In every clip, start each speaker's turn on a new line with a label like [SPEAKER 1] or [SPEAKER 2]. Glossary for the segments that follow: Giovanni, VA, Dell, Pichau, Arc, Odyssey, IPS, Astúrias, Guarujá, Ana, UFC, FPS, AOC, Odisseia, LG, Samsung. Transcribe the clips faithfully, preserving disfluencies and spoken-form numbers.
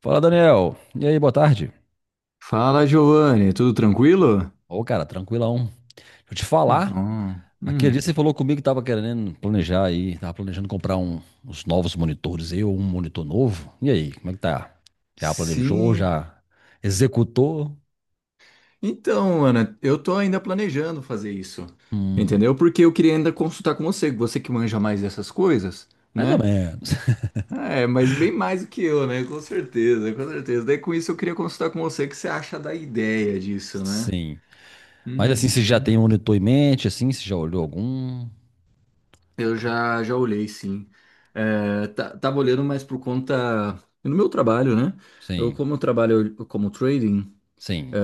[SPEAKER 1] Fala, Daniel. E aí, boa tarde.
[SPEAKER 2] Fala, Giovanni, tudo tranquilo?
[SPEAKER 1] Ô, cara, tranquilão. Deixa eu te
[SPEAKER 2] Que
[SPEAKER 1] falar.
[SPEAKER 2] bom.
[SPEAKER 1] Aquele
[SPEAKER 2] Hum,
[SPEAKER 1] dia você falou comigo que tava querendo planejar aí, tava planejando comprar um, uns novos monitores aí, ou um monitor novo. E aí, como é que tá? Já planejou,
[SPEAKER 2] sim.
[SPEAKER 1] já executou?
[SPEAKER 2] Então, Ana, eu tô ainda planejando fazer isso,
[SPEAKER 1] Hum,
[SPEAKER 2] entendeu? Porque eu queria ainda consultar com você, você que manja mais dessas coisas,
[SPEAKER 1] mais ou
[SPEAKER 2] né?
[SPEAKER 1] menos.
[SPEAKER 2] É, mas bem mais do que eu, né? Com certeza, com certeza. Daí com isso eu queria consultar com você o que você acha da ideia disso, né?
[SPEAKER 1] Sim. Mas assim, você já
[SPEAKER 2] Uhum.
[SPEAKER 1] tem um monitor em mente, assim, você já olhou algum?
[SPEAKER 2] Eu já, já olhei, sim. É, tá- tava olhando mais por conta no meu trabalho, né? Eu,
[SPEAKER 1] Sim,
[SPEAKER 2] como eu trabalho como trading.
[SPEAKER 1] sim.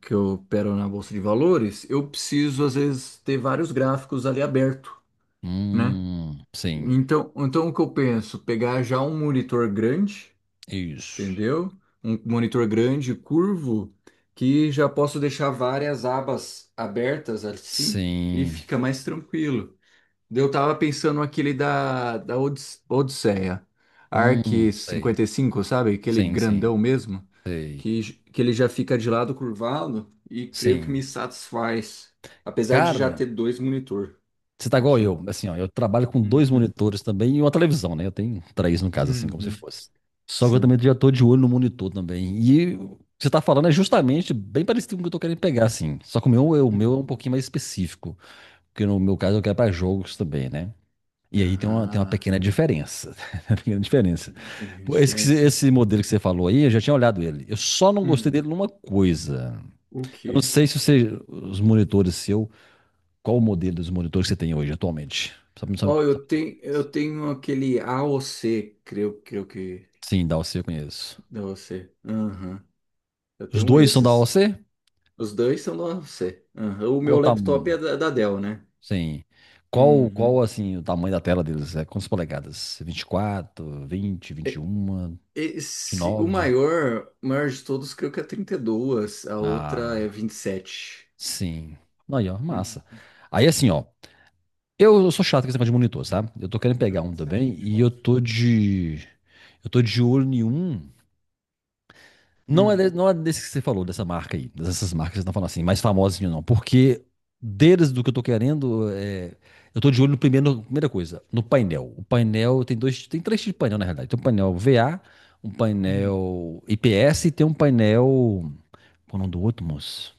[SPEAKER 2] Que eu opero na bolsa de valores, eu preciso às vezes ter vários gráficos ali aberto, né?
[SPEAKER 1] Hum, sim.
[SPEAKER 2] Então, então o que eu penso? Pegar já um monitor grande,
[SPEAKER 1] Isso.
[SPEAKER 2] entendeu? Um monitor grande, curvo, que já posso deixar várias abas abertas assim e
[SPEAKER 1] Sim.
[SPEAKER 2] fica mais tranquilo. Eu tava pensando aquele da, da Odis- Odisseia,
[SPEAKER 1] Hum,
[SPEAKER 2] Arc
[SPEAKER 1] sei.
[SPEAKER 2] cinquenta e cinco, sabe? Aquele
[SPEAKER 1] Sim, sim.
[SPEAKER 2] grandão mesmo,
[SPEAKER 1] Sei.
[SPEAKER 2] que, j- que ele já fica de lado curvado e creio que me
[SPEAKER 1] Sim.
[SPEAKER 2] satisfaz, apesar de já
[SPEAKER 1] Cara,
[SPEAKER 2] ter dois monitor
[SPEAKER 1] você tá igual
[SPEAKER 2] aqui.
[SPEAKER 1] eu. Assim, ó, eu trabalho com dois
[SPEAKER 2] Uhum.
[SPEAKER 1] monitores também e uma televisão, né? Eu tenho três no caso, assim, como se
[SPEAKER 2] Uhum.
[SPEAKER 1] fosse. Só que eu também
[SPEAKER 2] Sim.
[SPEAKER 1] já tô de olho no monitor também. E o que você tá falando é justamente bem parecido com o que eu tô querendo pegar, assim. Só que o meu, é- o meu é um
[SPEAKER 2] Hum.
[SPEAKER 1] pouquinho mais específico. Porque no meu caso eu quero pra jogos também, né? E aí tem uma, tem uma
[SPEAKER 2] Ah,
[SPEAKER 1] pequena diferença. Uma pequena diferença.
[SPEAKER 2] teve uma
[SPEAKER 1] Pô, Esse, que você-
[SPEAKER 2] diferença?
[SPEAKER 1] esse modelo que você falou aí, eu já tinha olhado ele. Eu só não gostei dele
[SPEAKER 2] Hum.
[SPEAKER 1] numa coisa.
[SPEAKER 2] O
[SPEAKER 1] Eu não
[SPEAKER 2] quê?
[SPEAKER 1] sei se você, os monitores seus. Qual o modelo dos monitores que você tem hoje, atualmente? Só pra, só,
[SPEAKER 2] Ó,
[SPEAKER 1] só
[SPEAKER 2] eu
[SPEAKER 1] pra ter
[SPEAKER 2] tenho,
[SPEAKER 1] ideia. Assim.
[SPEAKER 2] eu tenho aquele A AOC, creio, creio que
[SPEAKER 1] Sim, da A O C eu conheço.
[SPEAKER 2] da A O C. Aham. Eu
[SPEAKER 1] Os
[SPEAKER 2] tenho um
[SPEAKER 1] dois são da
[SPEAKER 2] esses.
[SPEAKER 1] A O C?
[SPEAKER 2] Os dois são da U F C. Aham. O
[SPEAKER 1] Qual o
[SPEAKER 2] meu
[SPEAKER 1] tamanho?
[SPEAKER 2] laptop é da, da Dell, né?
[SPEAKER 1] Sim. Qual,
[SPEAKER 2] Uhum.
[SPEAKER 1] qual, assim, o tamanho da tela deles? É quantas polegadas? vinte e quatro, vinte,
[SPEAKER 2] E-
[SPEAKER 1] vinte e um,
[SPEAKER 2] Esse, o
[SPEAKER 1] nove?
[SPEAKER 2] maior, o maior de todos, creio que é trinta e dois, a outra é
[SPEAKER 1] Ah,
[SPEAKER 2] vinte e sete.
[SPEAKER 1] sim. Aí, ó,
[SPEAKER 2] Hum.
[SPEAKER 1] massa. Aí, assim, ó. Eu eu sou chato com esse negócio de monitor, sabe? Eu tô querendo
[SPEAKER 2] É
[SPEAKER 1] pegar um
[SPEAKER 2] vinte e sete,
[SPEAKER 1] também e eu
[SPEAKER 2] vinte e quatro.
[SPEAKER 1] tô de... Eu tô de olho em um. Não é,
[SPEAKER 2] Hum.
[SPEAKER 1] de- não é desse que você falou, dessa marca aí, dessas marcas que você tá falando assim, mais famosinho não. Porque deles do que eu tô querendo, é, eu tô de olho no primeiro, primeira coisa, no painel. O painel tem dois, tem três tipos de painel na realidade. Tem um painel V A, um
[SPEAKER 2] Hum.
[SPEAKER 1] painel I P S e tem um painel, qual é o nome do outro, moço?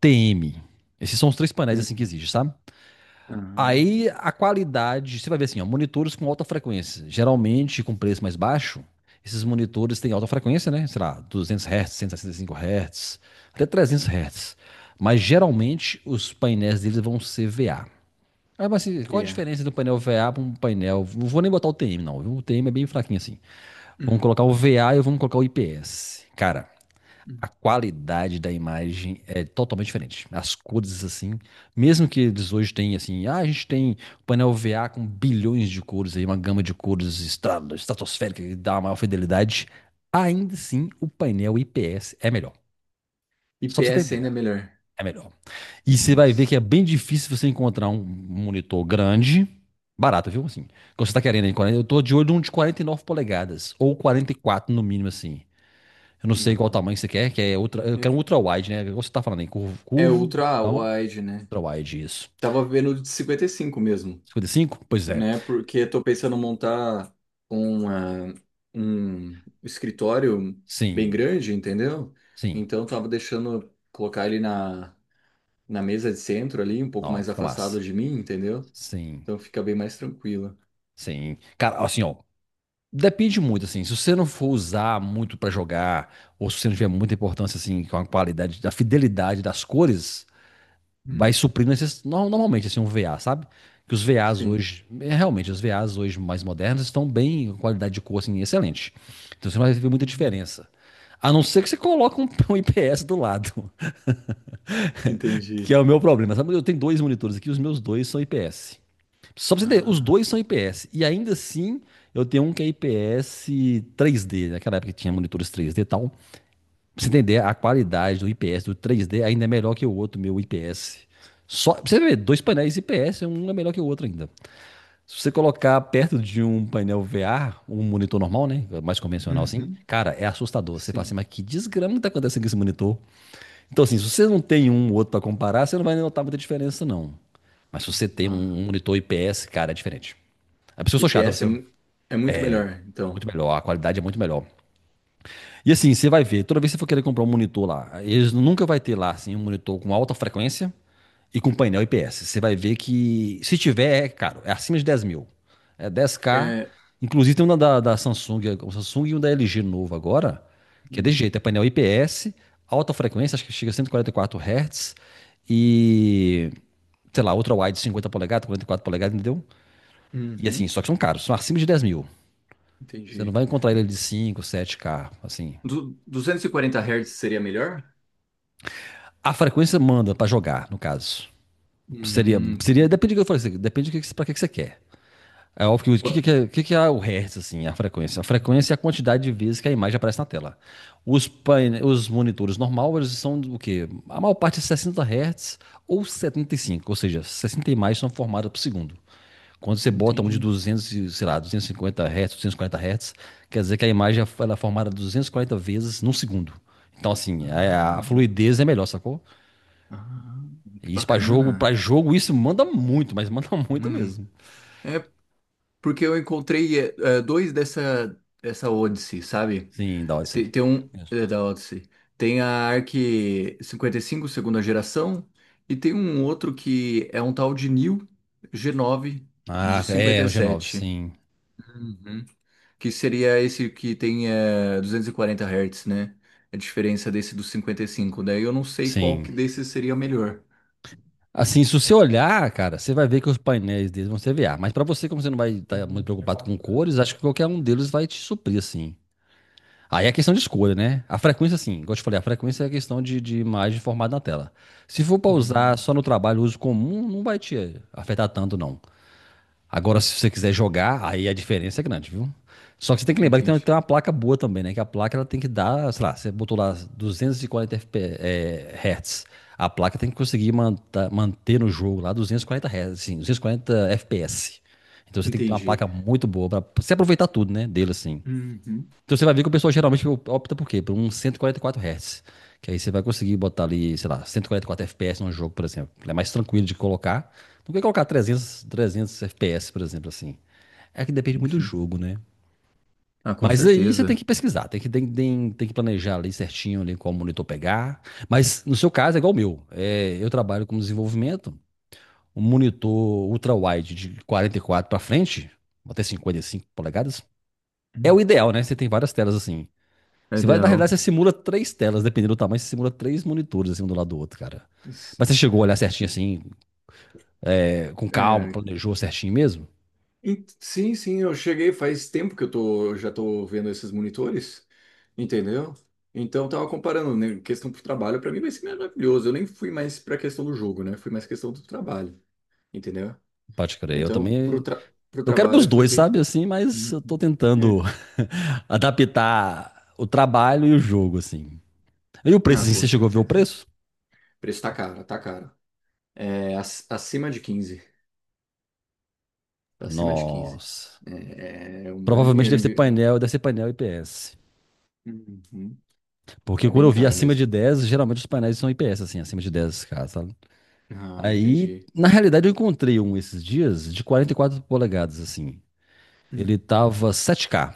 [SPEAKER 1] T M. Esses são os três painéis assim que
[SPEAKER 2] Entendo.
[SPEAKER 1] existem, sabe?
[SPEAKER 2] Aham.
[SPEAKER 1] Aí a qualidade, você vai ver assim, ó, monitores com alta frequência, geralmente com preço mais baixo, esses monitores têm alta frequência, né? Sei lá, duzentos Hz, cento e sessenta e cinco Hz, até trezentos Hz. Mas geralmente os painéis deles vão ser V A. Ah, mas assim, qual a
[SPEAKER 2] Yeah.
[SPEAKER 1] diferença do painel V A para um painel? Não vou nem botar o T M, não. Viu? O T M é bem fraquinho assim. Vamos
[SPEAKER 2] Hum.
[SPEAKER 1] colocar o V A e vamos colocar o I P S. Cara, a
[SPEAKER 2] Hum.
[SPEAKER 1] qualidade da imagem é totalmente diferente. As cores, assim, mesmo que eles hoje têm, assim, ah, a gente tem painel V A com bilhões de cores aí, uma gama de cores estra- estratosférica que dá uma maior fidelidade, ainda assim o painel I P S é melhor.
[SPEAKER 2] E
[SPEAKER 1] Só pra você ter
[SPEAKER 2] P S ainda
[SPEAKER 1] ideia,
[SPEAKER 2] é melhor.
[SPEAKER 1] é melhor. E você vai ver que
[SPEAKER 2] Nossa.
[SPEAKER 1] é bem difícil você encontrar um monitor grande, barato, viu? Assim, quando você tá querendo, aí, quarenta eu tô de olho num de quarenta e nove polegadas, ou quarenta e quatro no mínimo, assim. Eu não sei qual
[SPEAKER 2] Não.
[SPEAKER 1] tamanho você quer, que é ultra, eu quero um ultra wide, né? Igual você tá falando aí, curvo,
[SPEAKER 2] É
[SPEAKER 1] curvo,
[SPEAKER 2] ultra
[SPEAKER 1] então,
[SPEAKER 2] wide, né?
[SPEAKER 1] ultra wide, isso.
[SPEAKER 2] Tava vendo o de cinquenta e cinco mesmo.
[SPEAKER 1] Cinquenta e cinco? Pois é.
[SPEAKER 2] Né? Porque estou pensando em montar um, ah, um escritório bem
[SPEAKER 1] Sim,
[SPEAKER 2] grande, entendeu?
[SPEAKER 1] sim.
[SPEAKER 2] Então estava deixando colocar ele na, na mesa de centro ali, um pouco
[SPEAKER 1] Não,
[SPEAKER 2] mais
[SPEAKER 1] fica
[SPEAKER 2] afastado
[SPEAKER 1] massa.
[SPEAKER 2] de mim, entendeu?
[SPEAKER 1] Sim,
[SPEAKER 2] Então fica bem mais tranquilo.
[SPEAKER 1] sim. Cara, assim, ó, depende muito, assim, se você não for usar muito pra jogar, ou se você não tiver muita importância, assim, com a qualidade, da fidelidade das cores, vai
[SPEAKER 2] Hum.
[SPEAKER 1] suprir necess... no- normalmente assim um V A, sabe? Que os V As
[SPEAKER 2] Sim.
[SPEAKER 1] hoje, é, realmente, os V As hoje mais modernos estão bem, com qualidade de cor assim, excelente. Então você não vai ver muita
[SPEAKER 2] Hum.
[SPEAKER 1] diferença. A não ser que você coloque um, um I P S do lado, que
[SPEAKER 2] Entendi.
[SPEAKER 1] é o meu problema. Sabe? Eu tenho dois monitores aqui, os meus dois são I P S. Só pra você entender, os
[SPEAKER 2] Ah.
[SPEAKER 1] dois são I P S. E ainda assim, eu tenho um que é I P S três D. Naquela época que tinha monitores três D e tal. Pra você entender, a qualidade do I P S do três D ainda é melhor que o outro meu I P S. Só, pra você ver, dois painéis I P S, um é melhor que o outro ainda. Se você colocar perto de um painel V R, um monitor normal, né? Mais convencional assim,
[SPEAKER 2] Uhum.
[SPEAKER 1] cara, é assustador. Você fala assim,
[SPEAKER 2] Sim.
[SPEAKER 1] mas que desgrama que tá acontecendo com esse monitor? Então, assim, se você não tem um ou outro pra comparar, você não vai notar muita diferença, não. Mas se você tem
[SPEAKER 2] Ah.
[SPEAKER 1] um monitor I P S, cara, é diferente. A pessoa sou chata,
[SPEAKER 2] I P S
[SPEAKER 1] assim,
[SPEAKER 2] é,
[SPEAKER 1] ó,
[SPEAKER 2] mu- é muito melhor,
[SPEAKER 1] muito
[SPEAKER 2] então.
[SPEAKER 1] melhor, a qualidade é muito melhor. E assim, você vai ver, toda vez que você for querer comprar um monitor lá, eles nunca vai ter lá assim, um monitor com alta frequência e com painel I P S. Você vai ver que, se tiver, é caro, é acima de dez mil. É dez k.
[SPEAKER 2] É.
[SPEAKER 1] Inclusive tem um da, da Samsung, o Samsung e um da L G novo agora, que é desse
[SPEAKER 2] hum,
[SPEAKER 1] jeito, é painel I P S, alta frequência, acho que chega a cento e quarenta e quatro Hz e, quatro hertz e, sei lá, outra wide cinquenta polegadas, quarenta e quatro polegadas, entendeu? E assim,
[SPEAKER 2] uhum,
[SPEAKER 1] só que são caros, são acima de dez mil. Você não
[SPEAKER 2] entendi.
[SPEAKER 1] vai encontrar ele de cinco sete k assim.
[SPEAKER 2] Du duzentos e quarenta hertz Hz seria melhor?
[SPEAKER 1] A frequência manda pra jogar, no caso. Seria,
[SPEAKER 2] Hum,
[SPEAKER 1] seria depende do que eu falei, depende do que, pra que, você quer. É óbvio que o que,
[SPEAKER 2] pô,
[SPEAKER 1] que, que, que é o hertz, assim, a frequência? A
[SPEAKER 2] hum,
[SPEAKER 1] frequência é a quantidade de vezes que a imagem aparece na tela. Os, paine- os monitores normal, eles são o quê? A maior parte é sessenta hertz ou setenta e cinco ou seja, sessenta imagens são formadas por segundo. Quando você bota um de
[SPEAKER 2] entendi.
[SPEAKER 1] duzentos e, sei lá, duzentos e cinquenta hertz, duzentos e quarenta hertz, quer dizer que a imagem ela é formada duzentos e quarenta vezes num segundo. Então, assim, a, a
[SPEAKER 2] Ah,
[SPEAKER 1] fluidez é melhor, sacou?
[SPEAKER 2] ah, que
[SPEAKER 1] E isso pra jogo, para
[SPEAKER 2] bacana.
[SPEAKER 1] jogo, isso manda muito, mas manda muito
[SPEAKER 2] Mano,
[SPEAKER 1] mesmo.
[SPEAKER 2] é porque eu encontrei é, é, dois dessa, dessa Odyssey, sabe?
[SPEAKER 1] Sim, da Odyssey.
[SPEAKER 2] Tem, tem um
[SPEAKER 1] Mesmo.
[SPEAKER 2] é, da Odyssey. Tem a Arc cinquenta e cinco segunda geração, e tem um outro que é um tal de New g nove de
[SPEAKER 1] Ah, é,
[SPEAKER 2] cinquenta
[SPEAKER 1] o
[SPEAKER 2] e
[SPEAKER 1] G nove,
[SPEAKER 2] sete,
[SPEAKER 1] sim.
[SPEAKER 2] que seria esse que tem eh, duzentos e quarenta hertz Hz, né? A diferença desse dos cinquenta e cinco. Daí eu não sei qual
[SPEAKER 1] Sim.
[SPEAKER 2] que desses seria melhor.
[SPEAKER 1] Assim, se você olhar, cara, você vai ver que os painéis deles vão ser V A. Mas pra você, como você não vai estar muito
[SPEAKER 2] Eu queria
[SPEAKER 1] preocupado com
[SPEAKER 2] quatro K.
[SPEAKER 1] cores, acho que qualquer um deles vai te suprir, assim. Aí é questão de escolha, né? A frequência, assim, igual eu te falei, a frequência é a questão de, de imagem formada na tela. Se for pra usar
[SPEAKER 2] Hum,
[SPEAKER 1] só no trabalho, uso comum, não vai te afetar tanto, não. Agora, se você quiser jogar, aí a diferença é grande, viu? Só que você tem que lembrar que tem uma,
[SPEAKER 2] entendi.
[SPEAKER 1] tem uma placa boa também, né? Que a placa ela tem que dar, sei lá, você botou lá duzentos e quarenta F P, é, Hz. A placa tem que conseguir manta- manter no jogo lá duzentos e quarenta Hz, assim, duzentos e quarenta F P S. Então você tem que ter uma
[SPEAKER 2] Entendi.
[SPEAKER 1] placa muito boa para você aproveitar tudo, né? Dele assim.
[SPEAKER 2] Uhum.
[SPEAKER 1] Então você vai ver que o pessoal geralmente opta por quê? Por um cento e quarenta e quatro Hz. Que aí você vai conseguir botar ali, sei lá, cento e quarenta e quatro F P S num jogo, por exemplo. Ele é mais tranquilo de colocar do que colocar trezentos, trezentos F P S, por exemplo, assim. É que depende muito do
[SPEAKER 2] Entendi.
[SPEAKER 1] jogo, né?
[SPEAKER 2] Ah, com
[SPEAKER 1] Mas aí você tem
[SPEAKER 2] certeza.
[SPEAKER 1] que pesquisar, tem que, tem, tem, tem que planejar ali certinho ali qual monitor pegar. Mas no seu caso é igual o meu. É, eu trabalho com desenvolvimento, um monitor ultra-wide de quarenta e quatro para frente, até cinquenta e cinco polegadas, é o
[SPEAKER 2] Hum.
[SPEAKER 1] ideal, né? Você tem várias telas assim.
[SPEAKER 2] É
[SPEAKER 1] Você vai, na
[SPEAKER 2] ideal.
[SPEAKER 1] realidade, você simula três telas, dependendo do tamanho, você simula três monitores assim um do lado do outro, cara.
[SPEAKER 2] S-
[SPEAKER 1] Mas você chegou a olhar certinho assim, é, com calma,
[SPEAKER 2] é,
[SPEAKER 1] planejou certinho mesmo?
[SPEAKER 2] en- sim, sim, eu cheguei faz tempo que eu tô, já tô vendo esses monitores, entendeu? Então eu tava comparando, né, questão pro trabalho, para mim vai ser maravilhoso. Eu nem fui mais pra questão do jogo, né? Fui mais questão do trabalho, entendeu?
[SPEAKER 1] Pode crer, eu
[SPEAKER 2] Então, pro,
[SPEAKER 1] também.
[SPEAKER 2] tra pro
[SPEAKER 1] Eu quero pros
[SPEAKER 2] trabalho foi
[SPEAKER 1] dois, sabe,
[SPEAKER 2] bem.
[SPEAKER 1] assim, mas
[SPEAKER 2] Uhum.
[SPEAKER 1] eu tô tentando
[SPEAKER 2] É.
[SPEAKER 1] adaptar o trabalho e o jogo, assim. E o preço,
[SPEAKER 2] Ah,
[SPEAKER 1] assim,
[SPEAKER 2] com
[SPEAKER 1] você chegou a ver o
[SPEAKER 2] certeza.
[SPEAKER 1] preço?
[SPEAKER 2] O preço tá caro, tá caro. É, ac- acima de quinze. Acima de quinze.
[SPEAKER 1] Nossa.
[SPEAKER 2] É, é um bom
[SPEAKER 1] Provavelmente
[SPEAKER 2] dinheiro.
[SPEAKER 1] deve
[SPEAKER 2] Em
[SPEAKER 1] ser
[SPEAKER 2] vi-
[SPEAKER 1] painel, deve ser painel I P S.
[SPEAKER 2] Uhum.
[SPEAKER 1] Porque
[SPEAKER 2] É
[SPEAKER 1] quando
[SPEAKER 2] bem
[SPEAKER 1] eu vi
[SPEAKER 2] caro
[SPEAKER 1] acima
[SPEAKER 2] mesmo.
[SPEAKER 1] de dez geralmente os painéis são I P S, assim, acima de dez k sabe?
[SPEAKER 2] Ah,
[SPEAKER 1] Aí,
[SPEAKER 2] entendi.
[SPEAKER 1] na realidade, eu encontrei um esses dias de quarenta e quatro polegadas, assim. Ele
[SPEAKER 2] Hum.
[SPEAKER 1] tava sete k.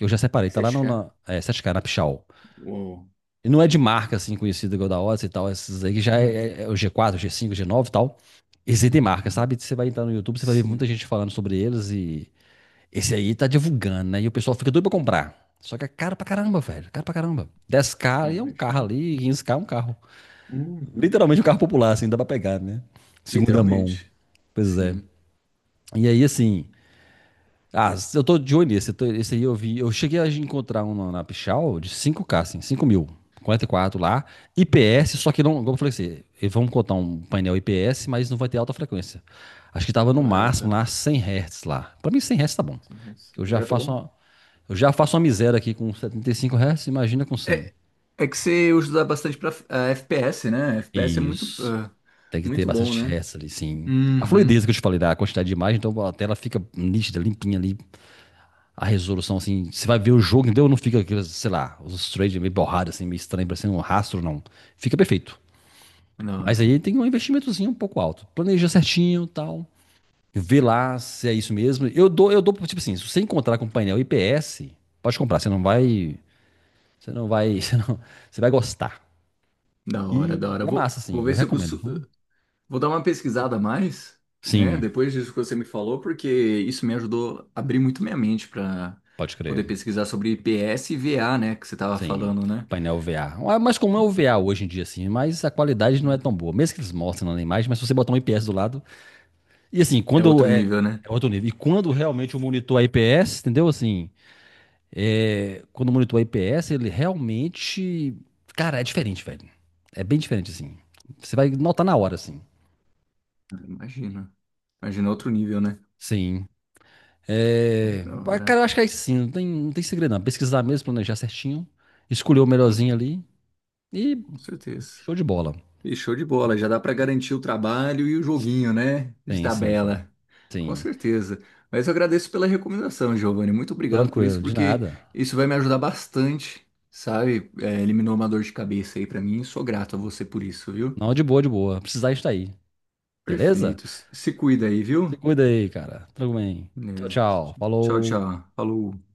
[SPEAKER 1] Eu já separei, tá lá no,
[SPEAKER 2] sete K?
[SPEAKER 1] na, é, sete k, na Pichau.
[SPEAKER 2] Uou.
[SPEAKER 1] E não é de marca, assim, conhecida igual da Odyssey e tal. Esses aí que já é,
[SPEAKER 2] Uhum.
[SPEAKER 1] é é o G quatro, G cinco, G nove e tal. Esse aí tem marca,
[SPEAKER 2] Uhum.
[SPEAKER 1] sabe? Você vai entrar no YouTube, você vai ver
[SPEAKER 2] Sim.
[SPEAKER 1] muita gente falando sobre eles e... Esse aí tá divulgando, né? E o pessoal fica doido pra comprar. Só que é caro pra caramba, velho. Caro pra caramba. Dez k
[SPEAKER 2] Ah,
[SPEAKER 1] ali é um carro
[SPEAKER 2] imagino.
[SPEAKER 1] ali, quinze k é um carro.
[SPEAKER 2] Uhum.
[SPEAKER 1] Literalmente um carro popular, assim, dá pra pegar, né? Segunda mão.
[SPEAKER 2] Literalmente.
[SPEAKER 1] Pois é.
[SPEAKER 2] Sim.
[SPEAKER 1] E aí, assim. Ah, eu tô de olho nesse. eu tô- Esse aí eu vi. Eu cheguei a encontrar um na, na Pichau de cinco k, assim, cinco mil. Quarenta e quatro lá. I P S, só que não. Como eu falei assim, eles vão botar um painel I P S, mas não vai ter alta frequência. Acho que tava no máximo
[SPEAKER 2] Correta.
[SPEAKER 1] lá cem Hz lá. Pra mim, cem Hz tá bom. Eu já
[SPEAKER 2] Já tá
[SPEAKER 1] faço
[SPEAKER 2] bom?
[SPEAKER 1] uma, eu já faço uma miséria aqui com setenta e cinco Hz, imagina com cem.
[SPEAKER 2] É. É que você usa usar bastante para F P S, né? F P S é muito,
[SPEAKER 1] Isso.
[SPEAKER 2] ah,
[SPEAKER 1] Tem que ter
[SPEAKER 2] muito bom,
[SPEAKER 1] bastante
[SPEAKER 2] né?
[SPEAKER 1] Hz ali, sim. A
[SPEAKER 2] Uhum.
[SPEAKER 1] fluidez que eu te falei, da quantidade de imagem, então a tela fica nítida, limpinha ali, a resolução, assim, você vai ver o jogo, entendeu? Não fica aqueles, sei lá, os trades meio borrados, assim, meio estranho, parecendo um rastro, não. Fica perfeito.
[SPEAKER 2] Da
[SPEAKER 1] Mas
[SPEAKER 2] hora,
[SPEAKER 1] aí tem um investimentozinho um pouco alto. Planeja certinho, e tal. Vê lá se é isso mesmo. Eu dou, eu dou, tipo assim, se você encontrar com painel I P S, pode comprar, você não vai, você não vai, você não, você vai gostar.
[SPEAKER 2] da hora,
[SPEAKER 1] E
[SPEAKER 2] da hora.
[SPEAKER 1] é
[SPEAKER 2] Vou,
[SPEAKER 1] massa, assim,
[SPEAKER 2] vou
[SPEAKER 1] eu
[SPEAKER 2] ver se eu
[SPEAKER 1] recomendo.
[SPEAKER 2] consigo.
[SPEAKER 1] Hum.
[SPEAKER 2] Vou dar uma pesquisada a mais, né?
[SPEAKER 1] Sim,
[SPEAKER 2] Depois disso que você me falou, porque isso me ajudou a abrir muito minha mente para
[SPEAKER 1] pode crer.
[SPEAKER 2] poder pesquisar sobre I P S e V A, né? Que você tava
[SPEAKER 1] Sim,
[SPEAKER 2] falando, né?
[SPEAKER 1] painel V A. Ah, mas como é o V A hoje em dia, assim, mas a qualidade não é tão
[SPEAKER 2] Uhum.
[SPEAKER 1] boa. Mesmo que eles mostrem na imagem, mas se você botar um I P S do lado, e assim,
[SPEAKER 2] É
[SPEAKER 1] quando
[SPEAKER 2] outro
[SPEAKER 1] é,
[SPEAKER 2] nível, né?
[SPEAKER 1] é outro nível. E quando realmente o monitor I P S, entendeu? Assim, é, quando o monitor I P S, ele realmente. Cara, é diferente, velho. É bem diferente, assim. Você vai notar na hora, assim.
[SPEAKER 2] Imagina. Imagina outro nível, né?
[SPEAKER 1] Sim.
[SPEAKER 2] É
[SPEAKER 1] É,
[SPEAKER 2] da
[SPEAKER 1] mas,
[SPEAKER 2] hora.
[SPEAKER 1] cara, eu acho que é isso sim, não tem, não tem segredo, não. Pesquisar mesmo, planejar certinho, escolher o
[SPEAKER 2] Ah,
[SPEAKER 1] melhorzinho ali e
[SPEAKER 2] com certeza.
[SPEAKER 1] show de bola.
[SPEAKER 2] E show de bola, já dá para garantir o trabalho e o joguinho, né? De
[SPEAKER 1] Sim, sim, sim.
[SPEAKER 2] tabela. Com
[SPEAKER 1] Sim.
[SPEAKER 2] certeza. Mas eu agradeço pela recomendação, Giovanni. Muito obrigado por
[SPEAKER 1] Tranquilo,
[SPEAKER 2] isso,
[SPEAKER 1] de
[SPEAKER 2] porque
[SPEAKER 1] nada.
[SPEAKER 2] isso vai me ajudar bastante, sabe? É, eliminou uma dor de cabeça aí para mim. Sou grato a você por isso, viu?
[SPEAKER 1] Não, de boa, de boa. Precisar estar aí. Beleza?
[SPEAKER 2] Perfeito. Se se cuida aí,
[SPEAKER 1] Se
[SPEAKER 2] viu?
[SPEAKER 1] cuida aí, cara. Tudo bem. Tchau,
[SPEAKER 2] Beleza.
[SPEAKER 1] tchau.
[SPEAKER 2] Tchau,
[SPEAKER 1] Falou.
[SPEAKER 2] tchau. Falou.